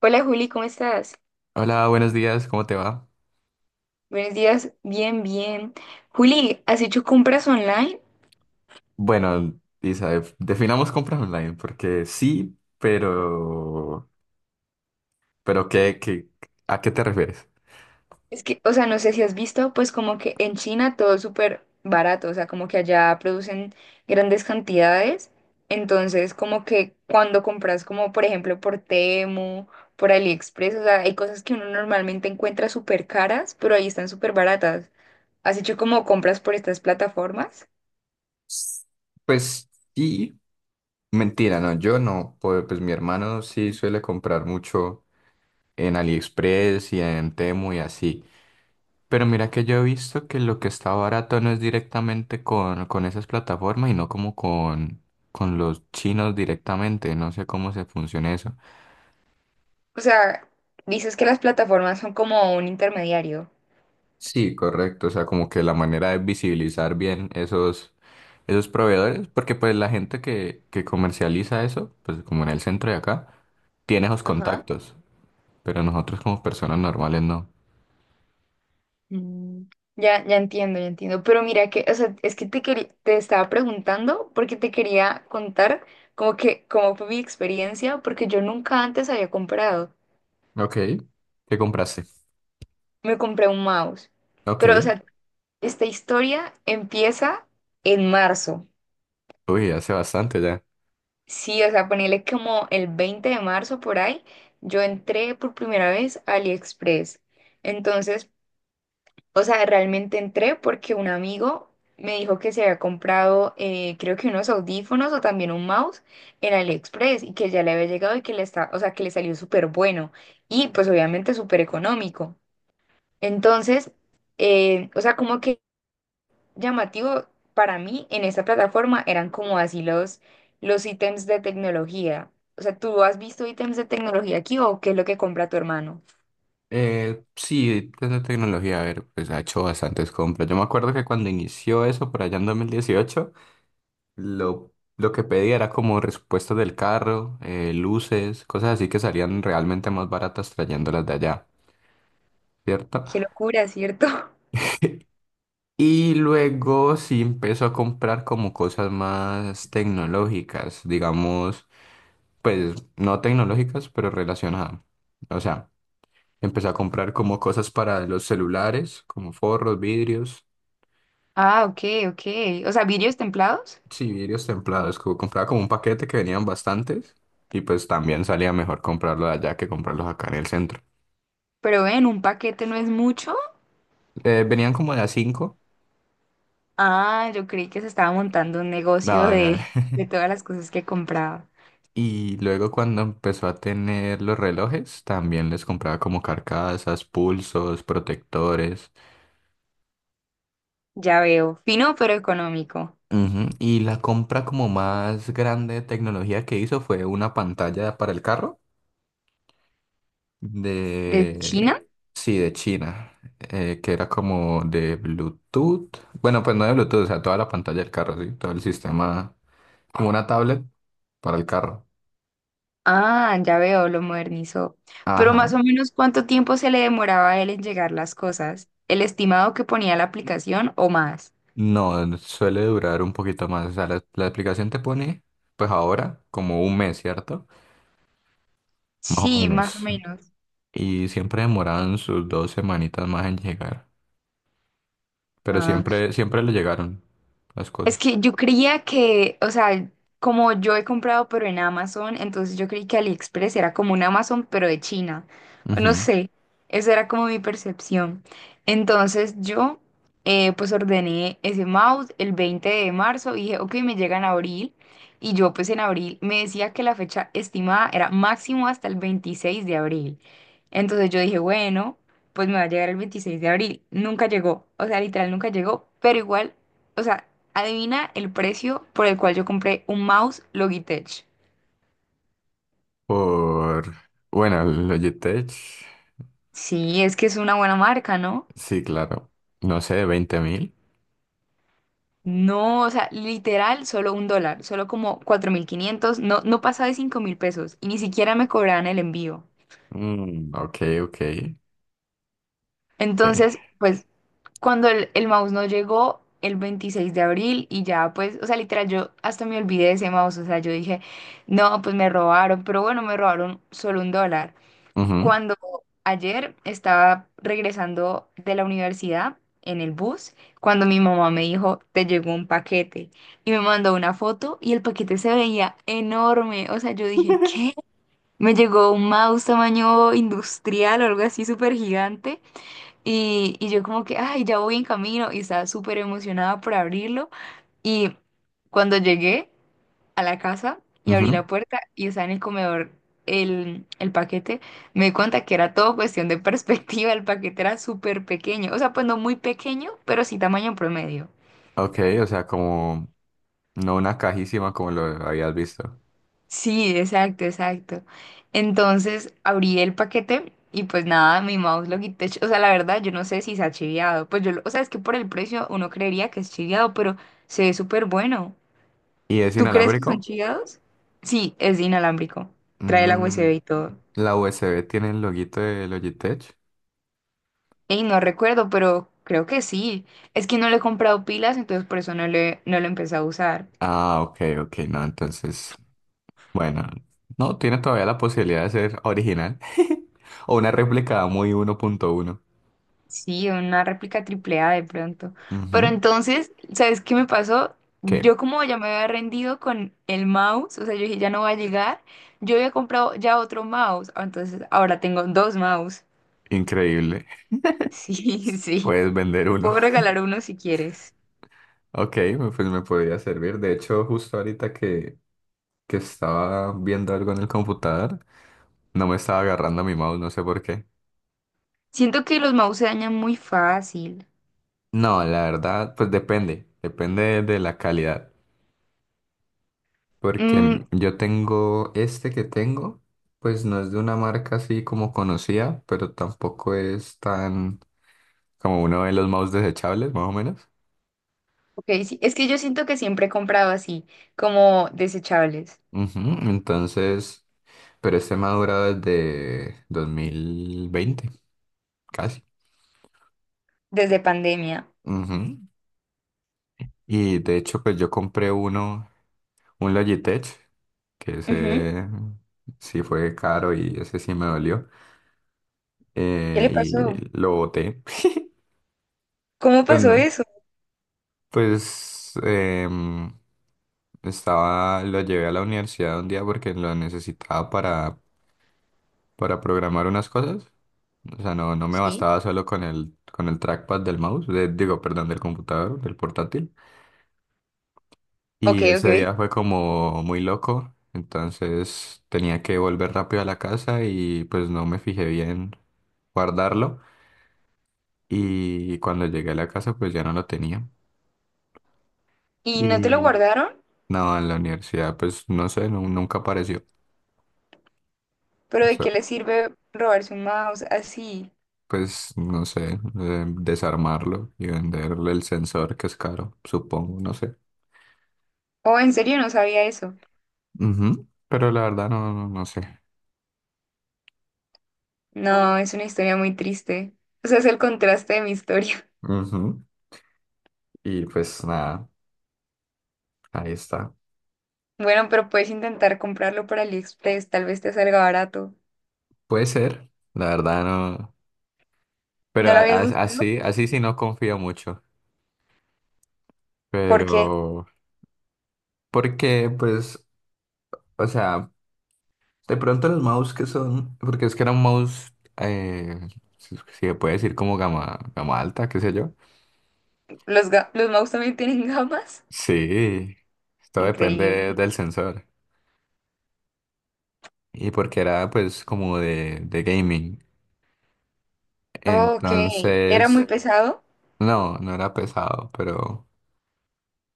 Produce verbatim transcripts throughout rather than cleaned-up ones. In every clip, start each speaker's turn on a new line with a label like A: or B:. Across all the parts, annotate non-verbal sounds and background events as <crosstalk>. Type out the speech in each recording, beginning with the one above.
A: Hola Juli, ¿cómo estás?
B: Hola, buenos días, ¿cómo te va?
A: Buenos días, bien, bien. Juli, ¿has hecho compras online?
B: Bueno, Isa, def- definamos compras online, porque sí, pero, pero ¿qué, qué, a qué te refieres?
A: Es que, o sea, no sé si has visto, pues como que en China todo es súper barato, o sea, como que allá producen grandes cantidades. Entonces, como que cuando compras, como por ejemplo por Temu, por AliExpress, o sea, hay cosas que uno normalmente encuentra súper caras, pero ahí están súper baratas. ¿Has hecho como compras por estas plataformas?
B: Pues sí, mentira, no, yo no, pues, pues mi hermano sí suele comprar mucho en AliExpress y en Temu y así, pero mira que yo he visto que lo que está barato no es directamente con, con esas plataformas y no como con, con los chinos directamente, no sé cómo se funciona eso.
A: O sea, dices que las plataformas son como un intermediario.
B: Sí, correcto. O sea, como que la manera de visibilizar bien esos, esos proveedores, porque pues la gente que, que comercializa eso, pues como en el centro de acá, tiene esos
A: Ajá.
B: contactos, pero nosotros como personas normales no.
A: Mm, ya, ya entiendo, ya entiendo. Pero mira que, o sea, es que te quería, te estaba preguntando porque te quería contar como que cómo fue mi experiencia, porque yo nunca antes había comprado.
B: Ok, ¿qué compraste?
A: Me compré un mouse.
B: Ok,
A: Pero, o sea, esta historia empieza en marzo.
B: uy, hace bastante ya.
A: Sí, o sea, ponele como el veinte de marzo por ahí, yo entré por primera vez a AliExpress. Entonces, o sea, realmente entré porque un amigo me dijo que se había comprado, eh, creo que unos audífonos o también un mouse en AliExpress y que ya le había llegado y que le está, o sea, que le salió súper bueno y pues obviamente súper económico. Entonces, eh, o sea, como que llamativo para mí en esta plataforma eran como así los, los ítems de tecnología. O sea, ¿tú has visto ítems de tecnología aquí o qué es lo que compra tu hermano?
B: Eh, sí, desde tecnología, a ver, pues ha hecho bastantes compras. Yo me acuerdo que cuando inició eso, por allá en dos mil dieciocho Lo, lo que pedía era como respuestas del carro, eh, luces, cosas así que salían realmente más baratas trayéndolas de allá, ¿cierto?
A: Qué locura, ¿cierto? <laughs>
B: <laughs> Y luego sí empezó a comprar como cosas más tecnológicas, digamos, pues no tecnológicas, pero relacionadas. O sea, empezó a comprar como cosas para los celulares, como forros, vidrios,
A: Ah, ok, ok. O sea, vidrios templados.
B: sí, vidrios templados, como compraba como un paquete que venían bastantes y pues también salía mejor comprarlo allá que comprarlos acá en el centro.
A: Pero ven, un paquete no es mucho.
B: Eh, venían como de a cinco.
A: Ah, yo creí que se estaba montando un negocio
B: No, no.
A: de,
B: <laughs> No.
A: de todas las cosas que compraba.
B: Y luego cuando empezó a tener los relojes, también les compraba como carcasas, pulsos, protectores.
A: Ya veo, fino pero económico.
B: Ujú. Y la compra como más grande de tecnología que hizo fue una pantalla para el carro
A: ¿Desde
B: de...
A: China?
B: Sí, de China, eh, que era como de Bluetooth. Bueno, pues no de Bluetooth, o sea, toda la pantalla del carro, sí, todo el sistema, como una tablet para el carro.
A: Ah, ya veo, lo modernizó. Pero más
B: Ajá.
A: o menos, ¿cuánto tiempo se le demoraba a él en llegar las cosas? ¿El estimado que ponía la aplicación o más?
B: No, suele durar un poquito más. O sea, la, la aplicación te pone, pues ahora, como un mes, ¿cierto? Más o
A: Sí, más o
B: menos.
A: menos.
B: Y siempre demoraban sus dos semanitas más en llegar. Pero
A: Ah.
B: siempre, siempre le llegaron las cosas.
A: Es que yo creía que, o sea, como yo he comprado pero en Amazon, entonces yo creí que AliExpress era como un Amazon pero de China. No
B: Ujú.
A: sé, esa era como mi percepción. Entonces yo, eh, pues ordené ese mouse el veinte de marzo y dije, ok, me llega en abril. Y yo pues en abril me decía que la fecha estimada era máximo hasta el veintiséis de abril. Entonces yo dije, bueno, pues me va a llegar el veintiséis de abril. Nunca llegó, o sea, literal nunca llegó, pero igual, o sea, adivina el precio por el cual yo compré un mouse Logitech.
B: Por, bueno, el Logitech,
A: Sí, es que es una buena marca, ¿no?
B: sí, claro. No sé, veinte mil.
A: No, o sea, literal, solo un dólar, solo como cuatro mil quinientos. No, no pasaba de cinco mil pesos y ni siquiera me cobraban el envío.
B: Mm, ok, ok.
A: Entonces,
B: Eh,
A: pues, cuando el, el mouse no llegó el veintiséis de abril y ya, pues, o sea, literal, yo hasta me olvidé de ese mouse, o sea, yo dije, no, pues me robaron, pero bueno, me robaron solo un dólar.
B: ujú,
A: Cuando ayer estaba regresando de la universidad en el bus, cuando mi mamá me dijo, te llegó un paquete y me mandó una foto y el paquete se veía enorme. O sea, yo dije, ¿qué? Me llegó un mouse tamaño industrial o algo así súper gigante y, y yo como que, ay, ya voy en camino y estaba súper emocionada por abrirlo. Y cuando llegué a la casa y abrí
B: ujú.
A: la puerta y estaba en el comedor el, el paquete, me di cuenta que era todo cuestión de <laughs> perspectiva. El paquete era súper pequeño, o sea, pues no muy pequeño, pero sí tamaño promedio.
B: Ok, o sea, como, no una cajísima como lo habías visto.
A: Sí, exacto, exacto. Entonces abrí el paquete y pues nada, mi mouse lo quité, o sea, la verdad yo no sé si se ha chiviado, pues yo, lo- o sea, es que por el precio uno creería que es chiviado, pero se ve súper bueno.
B: ¿Y es
A: ¿Tú crees que son
B: inalámbrico?
A: chiviados? Sí, es inalámbrico, trae la U S B
B: Mm,
A: y todo.
B: la U S B tiene el loguito de Logitech.
A: Y no recuerdo, pero creo que sí. Es que no le he comprado pilas, entonces por eso no le, no lo empecé a usar.
B: Ah, ok, ok, no, entonces, bueno, no, tiene todavía la posibilidad de ser original <laughs> o una réplica muy uno punto uno.
A: Sí, una réplica triple A de pronto. Pero
B: Ujú.
A: entonces, ¿sabes qué me pasó?
B: Qué
A: Yo como ya me había rendido con el mouse, o sea, yo dije, ya no va a llegar. Yo había comprado ya otro mouse, ah, entonces ahora tengo dos mouse.
B: increíble,
A: Sí, <laughs> sí.
B: puedes vender
A: Te
B: uno.
A: puedo
B: <laughs>
A: regalar uno si quieres.
B: Ok, me- pues me podría servir. De hecho, justo ahorita que, que estaba viendo algo en el computador, no me estaba agarrando mi mouse, no sé por qué.
A: Siento que los mouse se dañan muy fácil.
B: No, la verdad, pues depende, depende de la calidad. Porque
A: Mm.
B: m- yo tengo este que tengo, pues no es de una marca así como conocida, pero tampoco es tan como uno de los mouse desechables, más o menos.
A: Ok, sí. Es que yo siento que siempre he comprado así, como desechables,
B: Ujú. Entonces, pero este me ha durado desde dos mil veinte, casi.
A: desde pandemia.
B: Ujú. Y de hecho, pues yo compré uno, un Logitech, que
A: Ujú.
B: ese sí fue caro y ese sí me dolió.
A: ¿Qué
B: Eh,
A: le
B: y
A: pasó?
B: lo boté. <laughs>
A: ¿Cómo pasó
B: Bueno,
A: eso?
B: pues em, estaba, lo llevé a la universidad un día porque lo necesitaba para, para programar unas cosas. O sea, no, no me
A: Sí.
B: bastaba solo con el, con el trackpad del mouse, de- digo, perdón, del computador, del portátil.
A: Ok,
B: Y
A: ok.
B: ese día fue como muy loco, entonces tenía que volver rápido a la casa y pues no me fijé bien guardarlo. Y cuando llegué a la casa pues ya no lo tenía.
A: ¿Y no te lo
B: Y
A: guardaron?
B: no, en la universidad pues no sé, nu- nunca apareció.
A: ¿Pero de qué le sirve robarse un mouse así?
B: Pues no sé, eh, desarmarlo y venderle el sensor que es caro, supongo, no sé.
A: Oh, en serio, no sabía eso.
B: Ujú. Pero la verdad no, no, no sé.
A: No, es una historia muy triste. O sea, es el contraste de mi historia. <laughs>
B: Ujú. Y pues nada, ahí está.
A: Bueno, pero puedes intentar comprarlo por AliExpress, tal vez te salga barato.
B: Puede ser, la verdad no. Pero
A: ¿No
B: a-
A: lo habías
B: a-
A: buscado?
B: así, así sí no confío mucho.
A: Porque
B: Pero porque pues, o sea, de pronto los mouse que son, porque es que era un mouse, eh, si si se puede decir como gama, gama alta, qué sé yo.
A: los, ga- los mouse también tienen <laughs> gamas.
B: Sí, esto depende
A: Increíble.
B: del sensor. Y porque era pues como de, de gaming.
A: Ok, era muy
B: Entonces,
A: pesado.
B: no, no era pesado, pero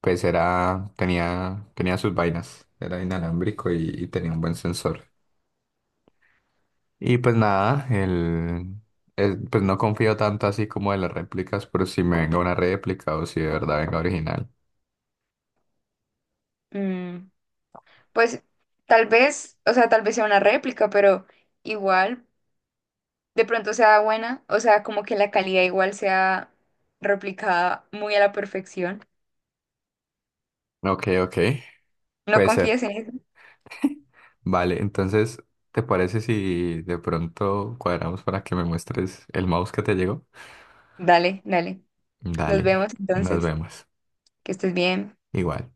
B: pues era, tenía, tenía sus vainas, era inalámbrico y, y tenía un buen sensor. Y pues nada, el, el- pues no confío tanto así como de las réplicas, pero si me venga una réplica o si de verdad venga original.
A: Mm, Pues tal vez, o sea, tal vez sea una réplica, pero igual de pronto sea buena, o sea, como que la calidad igual sea replicada muy a la perfección.
B: Ok, ok,
A: No
B: puede
A: confíes
B: ser.
A: en eso.
B: Vale, entonces, ¿te parece si de pronto cuadramos para que me muestres el mouse que te llegó?
A: Dale, dale. Nos
B: Dale,
A: vemos
B: nos
A: entonces.
B: vemos.
A: Que estés bien.
B: Igual.